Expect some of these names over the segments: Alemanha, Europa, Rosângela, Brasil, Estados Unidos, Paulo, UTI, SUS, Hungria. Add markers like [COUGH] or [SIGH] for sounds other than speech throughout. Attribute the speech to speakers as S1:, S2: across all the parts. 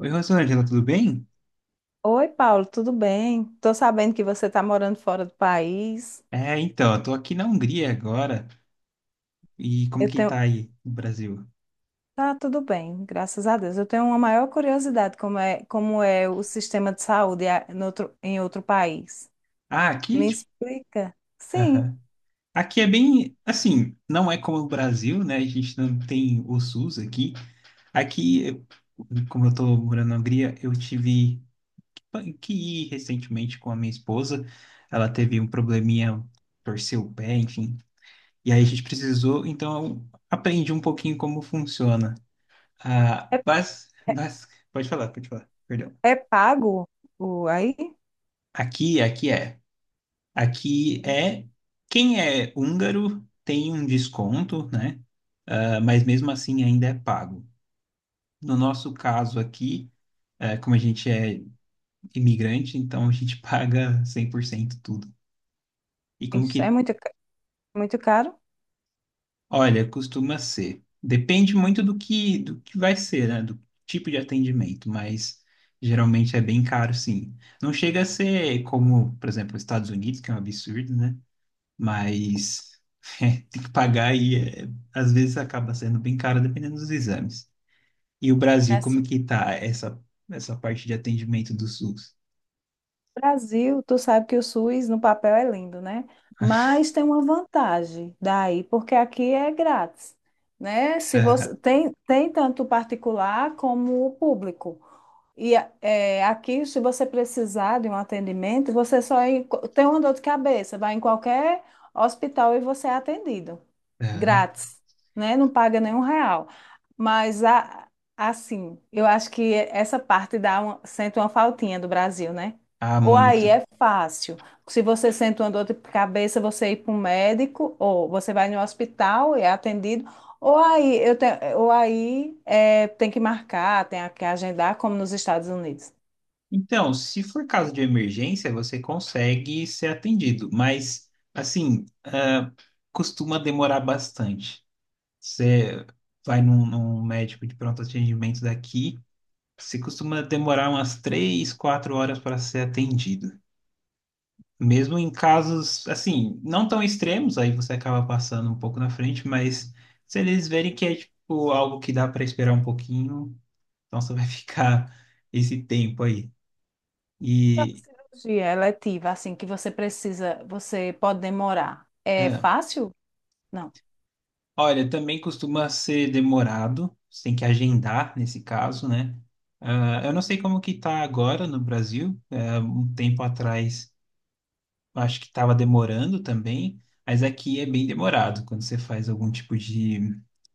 S1: Oi, Rosângela, tudo bem?
S2: Oi, Paulo, tudo bem? Tô sabendo que você está morando fora do país.
S1: Eu tô aqui na Hungria agora. E como
S2: Eu
S1: que
S2: tenho,
S1: tá aí no Brasil?
S2: tá tudo bem, graças a Deus. Eu tenho uma maior curiosidade como é o sistema de saúde a- no outro- em outro país.
S1: Ah, aqui,
S2: Me
S1: tipo,
S2: explica. Sim,
S1: aham. Aqui é bem, assim, não é como o Brasil, né? A gente não tem o SUS aqui. Aqui, como eu tô morando na Hungria, eu tive que ir recentemente com a minha esposa. Ela teve um probleminha, torceu o pé, enfim. E aí a gente precisou, então eu aprendi um pouquinho como funciona. Ah,
S2: é,
S1: pode falar, pode falar. Perdão.
S2: é pago o aí?
S1: Aqui é. Aqui é. Quem é húngaro tem um desconto, né? Ah, mas mesmo assim ainda é pago. No nosso caso aqui, como a gente é imigrante, então a gente [LAUGHS] paga 100% tudo. E
S2: É.
S1: como que.
S2: Isso é muito caro?
S1: Olha, costuma ser. Depende muito do que vai ser, né? Do tipo de atendimento, mas geralmente é bem caro, sim. Não chega a ser como, por exemplo, os Estados Unidos, que é um absurdo, né? Mas [LAUGHS] é, tem que pagar e é, às vezes acaba sendo bem caro dependendo dos exames. E o Brasil, como que tá essa parte de atendimento do SUS?
S2: Brasil, tu sabe que o SUS no papel é lindo, né? Mas tem uma vantagem daí, porque aqui é grátis, né? Se você
S1: Aham,
S2: tem tanto o particular como o público. E é, aqui, se você precisar de um atendimento, tem uma dor de cabeça, vai em qualquer hospital e você é atendido
S1: aham.
S2: grátis, né? Não paga nenhum real. Mas a- assim, eu acho que essa parte sente uma faltinha do Brasil, né?
S1: Ah,
S2: Ou
S1: muito.
S2: aí é fácil. Se você sente uma dor de cabeça, você ir para um médico, ou você vai no hospital e é atendido. Ou aí, tem que marcar, tem que agendar, como nos Estados Unidos.
S1: Então, se for caso de emergência, você consegue ser atendido, mas assim, ah, costuma demorar bastante. Você vai num médico de pronto atendimento daqui, você costuma demorar umas três, quatro horas para ser atendido. Mesmo em casos, assim, não tão extremos, aí você acaba passando um pouco na frente, mas se eles verem que é, tipo, algo que dá para esperar um pouquinho, então você vai [LAUGHS] ficar esse tempo aí.
S2: A
S1: E,
S2: cirurgia eletiva, assim, que você precisa, você pode demorar. É
S1: é,
S2: fácil? Não.
S1: olha, também costuma ser demorado, você tem que agendar nesse caso, né? Ah, eu não sei como que tá agora no Brasil, é, um tempo atrás acho que estava demorando também, mas aqui é bem demorado quando você faz algum tipo de,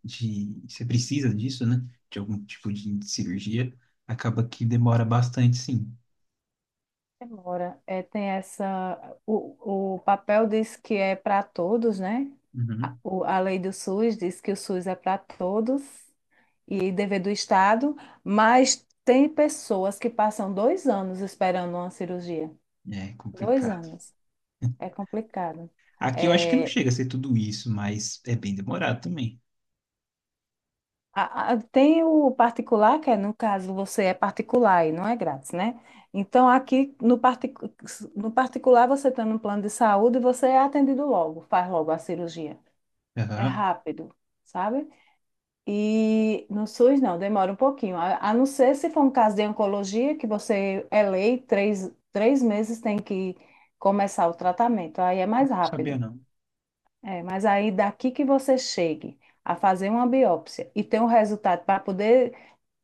S1: de, você precisa disso, né? De algum tipo de cirurgia, acaba que demora bastante, sim.
S2: Demora. É, tem essa. O papel diz que é para todos, né? A,
S1: Uhum.
S2: o- a lei do SUS diz que o SUS é para todos e dever do Estado, mas tem pessoas que passam 2 anos uma cirurgia.
S1: É
S2: Dois
S1: complicado.
S2: anos. É complicado.
S1: Aqui eu acho que não
S2: É,
S1: chega a ser tudo isso, mas é bem demorado também.
S2: Tem o particular, que é, no caso, você é particular e não é grátis, né? Então, aqui no, partic- no particular, você tem um plano de saúde e você é atendido logo, faz logo a cirurgia. É
S1: Aham. Não
S2: rápido, sabe? E no SUS não, demora um pouquinho. A não ser se for um caso de oncologia, que você é lei, três meses tem que começar o tratamento, aí é mais
S1: sabia
S2: rápido.
S1: não.
S2: É, mas aí daqui que você chegue a fazer uma biópsia e ter um resultado para poder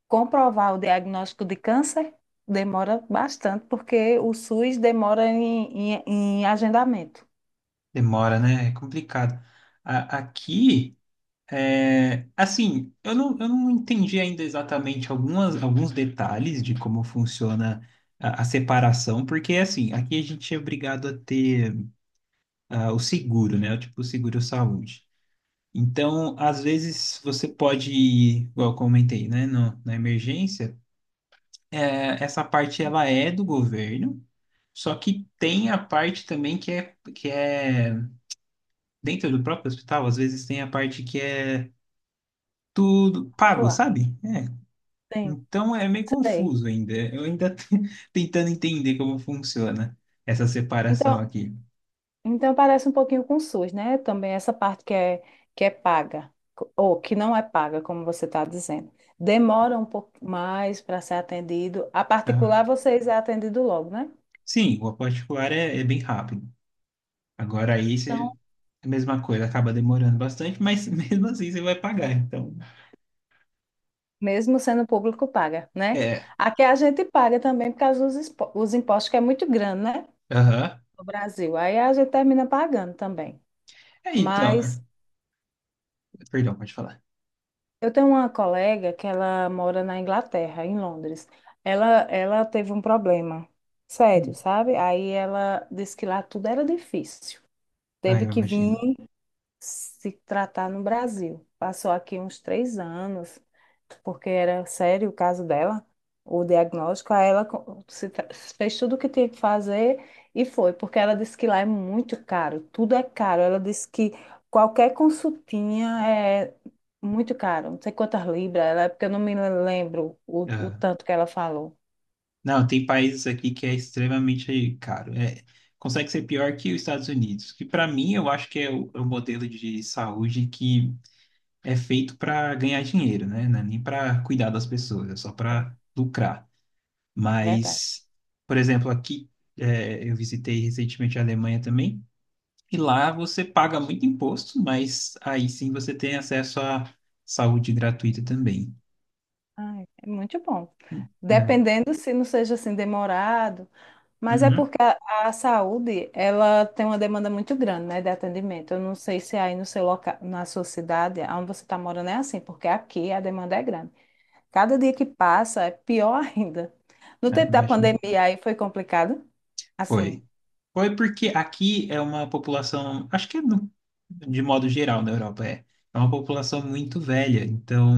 S2: comprovar o diagnóstico de câncer, demora bastante, porque o SUS demora em agendamento.
S1: Demora, né? É complicado. Aqui é, assim, eu não entendi ainda exatamente alguns detalhes de como funciona a separação, porque, assim, aqui a gente é obrigado a ter o seguro, né? O tipo seguro-saúde. Então, às vezes, você pode ir, igual eu comentei, né? Na emergência, é, essa parte,
S2: Sim,
S1: ela é do governo, só que tem a parte também que é dentro do próprio hospital, às vezes tem a parte que é tudo pago,
S2: particular.
S1: sabe? É,
S2: Sim,
S1: então é meio
S2: sei.
S1: confuso ainda. Eu ainda [LAUGHS] tô tentando entender como funciona essa separação
S2: Então,
S1: aqui.
S2: Então parece um pouquinho com o SUS, né? Também essa parte que é paga, ou que não é paga, como você está dizendo. Demora um pouco mais para ser atendido. A
S1: Ah,
S2: particular, vocês é atendido logo, né?
S1: sim, o particular é, é bem rápido. Agora aí
S2: Então,
S1: você, a mesma coisa, acaba demorando bastante, mas [LAUGHS] mesmo assim você vai pagar. Então,
S2: mesmo sendo público, paga, né?
S1: é.
S2: Aqui a gente paga também por causa dos os impostos, que é muito grande, né?
S1: Aham.
S2: No Brasil. Aí a gente termina pagando também.
S1: É, então.
S2: Mas
S1: Perdão, pode falar.
S2: eu tenho uma colega que ela mora na Inglaterra, em Londres. Ela teve um problema sério,
S1: Hum.
S2: sabe? Aí ela disse que lá tudo era difícil.
S1: Ah,
S2: Teve
S1: eu
S2: que vir
S1: imagino.
S2: se tratar no Brasil. Passou aqui uns 3 anos, porque era sério o caso dela, o diagnóstico. Aí ela co- se tra- fez tudo o que tinha que fazer e foi, porque ela disse que lá é muito caro, tudo é caro. Ela disse que qualquer consultinha é muito caro, não sei quantas libras, é porque eu não me lembro o
S1: Aham.
S2: tanto que ela falou.
S1: Não, tem países aqui que é extremamente caro. É, consegue ser pior que os Estados Unidos, que para mim eu acho que é é o modelo de saúde que é feito para ganhar dinheiro, né? Não é nem para cuidar das pessoas, é só
S2: É
S1: para lucrar.
S2: verdade.
S1: Mas, por exemplo, aqui é, eu visitei recentemente a Alemanha também, e lá você paga muito imposto, mas aí sim você tem acesso à saúde gratuita também,
S2: Ai, é muito bom.
S1: né?
S2: Dependendo se não seja assim demorado. Mas é
S1: Uhum.
S2: porque a saúde, ela tem uma demanda muito grande, né, de atendimento. Eu não sei se aí no seu local, na sua cidade, onde você está morando, é assim, porque aqui a demanda é grande. Cada dia que passa é pior [LAUGHS] ainda. No
S1: Ah,
S2: tempo da
S1: imagino.
S2: pandemia aí foi complicado, assim.
S1: Foi. Foi porque aqui é uma população, acho que é de modo geral na Europa, é, é uma população muito velha, então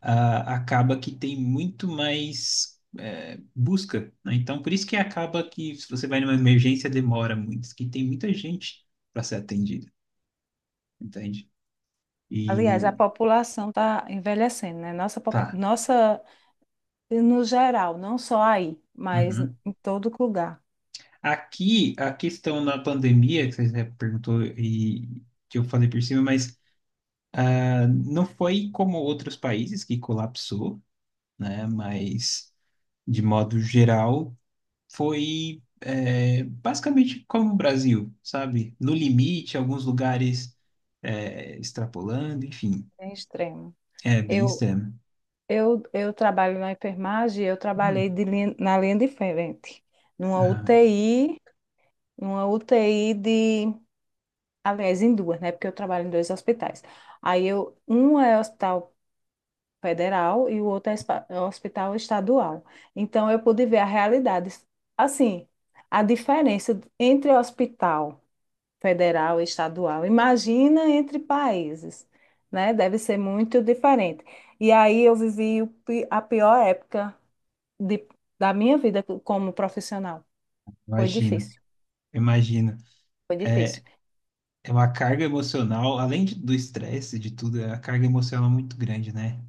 S1: ah, acaba que tem muito mais busca, né? Então por isso que acaba que se você vai numa emergência demora muito, que tem muita gente para ser atendida, entende?
S2: Aliás, a
S1: E
S2: população está envelhecendo, né? Nossa, popu-
S1: tá.
S2: nossa, no geral, não só aí, mas
S1: Uhum.
S2: em todo lugar,
S1: Aqui a questão da pandemia, que você perguntou e que eu falei por cima, mas ah, não foi como outros países que colapsou, né? Mas, de modo geral, foi é, basicamente como o Brasil, sabe? No limite, alguns lugares é, extrapolando, enfim,
S2: é extremo.
S1: é bem
S2: Eu,
S1: extremo.
S2: eu trabalho na enfermagem, eu trabalhei
S1: Hum,
S2: na linha de frente, numa
S1: ah,
S2: UTI, numa UTI de, aliás, em duas, né? Porque eu trabalho em dois hospitais. Um é hospital federal e o outro é é um hospital estadual. Então eu pude ver a realidade, assim, a diferença entre hospital federal e estadual. Imagina entre países, né? Deve ser muito diferente. E aí eu vivi a pior época de- da minha vida como profissional. Foi
S1: imagino,
S2: difícil,
S1: imagino.
S2: foi difícil.
S1: É, é uma carga emocional, do estresse, de tudo, é uma carga emocional muito grande, né?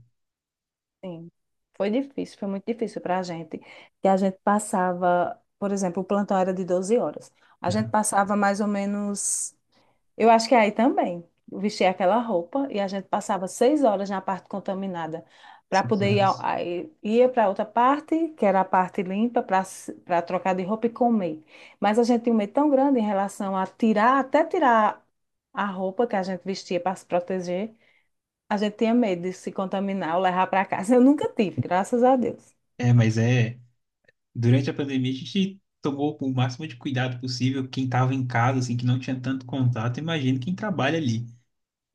S2: Sim, foi difícil, foi muito difícil para a gente. Que a gente passava, por exemplo, o plantão era de 12 horas. A gente
S1: Ah,
S2: passava mais ou menos eu acho que aí também. Eu vestia aquela roupa e a gente passava 6 horas na parte contaminada para
S1: seis
S2: poder
S1: horas.
S2: aí ia para outra parte, que era a parte limpa, para trocar de roupa e comer. Mas a gente tinha um medo tão grande em relação a tirar, até tirar a roupa que a gente vestia para se proteger. A gente tinha medo de se contaminar ou levar para casa. Eu nunca tive, graças a Deus.
S1: É, mas é. Durante a pandemia, a gente tomou o máximo de cuidado possível. Quem estava em casa, assim, que não tinha tanto contato, imagina quem trabalha ali.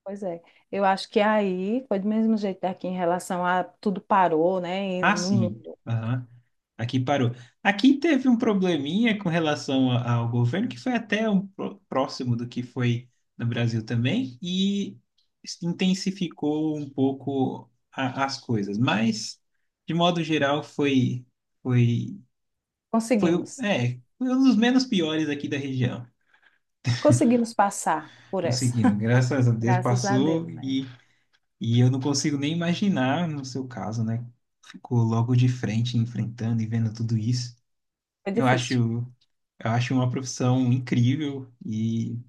S2: Pois é, eu acho que aí foi do mesmo jeito daqui em relação a tudo parou, né? E
S1: Ah,
S2: no
S1: sim.
S2: mundo.
S1: Aham. Aqui parou. Aqui teve um probleminha com relação ao governo, que foi até próximo do que foi no Brasil também, e intensificou um pouco as coisas. Mas, de modo geral, foi,
S2: Conseguimos.
S1: foi um dos menos piores aqui da região.
S2: Conseguimos passar por essa.
S1: Conseguimos,
S2: [LAUGHS]
S1: graças a Deus
S2: Graças a Deus,
S1: passou.
S2: né?
S1: E eu não consigo nem imaginar, no seu caso, né? Ficou logo de frente, enfrentando e vendo tudo isso.
S2: Foi difícil.
S1: Eu acho uma profissão incrível e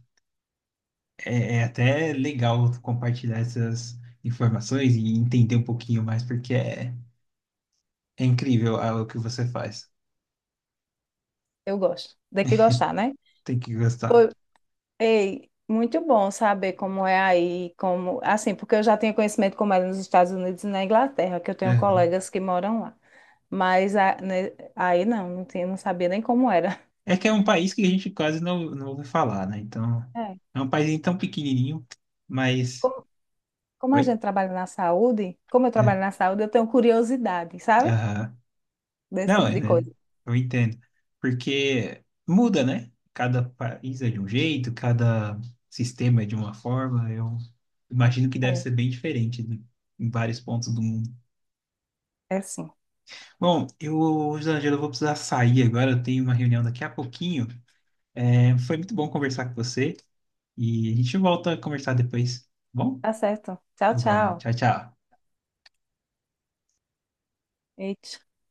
S1: é, é até legal compartilhar essas informações e entender um pouquinho mais, porque é, é incrível ah, o que você faz.
S2: Eu gosto. Tem que gostar, né?
S1: Tem que gostar.
S2: Foi, Ei, muito bom saber como é aí, como, assim, porque eu já tenho conhecimento como é nos Estados Unidos e na Inglaterra, que eu tenho
S1: Aham.
S2: colegas que moram lá. Mas né, aí não tinha, não sabia nem como era. [LAUGHS]
S1: É que é um país que a gente quase não, não ouve falar, né? Então,
S2: É.
S1: é um país tão pequenininho, mas...
S2: Como, como a
S1: Oi?
S2: gente trabalha na saúde, como eu trabalho
S1: É.
S2: na saúde, eu tenho curiosidade, sabe?
S1: Aham.
S2: Desse
S1: Não,
S2: tipo
S1: é,
S2: de
S1: né?
S2: coisa.
S1: Eu entendo. Porque muda, né? Cada país é de um jeito, cada sistema é de uma forma. Eu imagino que deve
S2: É,
S1: ser bem diferente em vários pontos do mundo.
S2: é, sim.
S1: Bom, eu, Angela, eu vou precisar sair agora. Eu tenho uma reunião daqui a pouquinho. É, foi muito bom conversar com você e a gente volta a conversar depois. Tá bom,
S2: Tá certo. Tchau,
S1: tá bom.
S2: tchau.
S1: Tchau, tchau.
S2: Eita.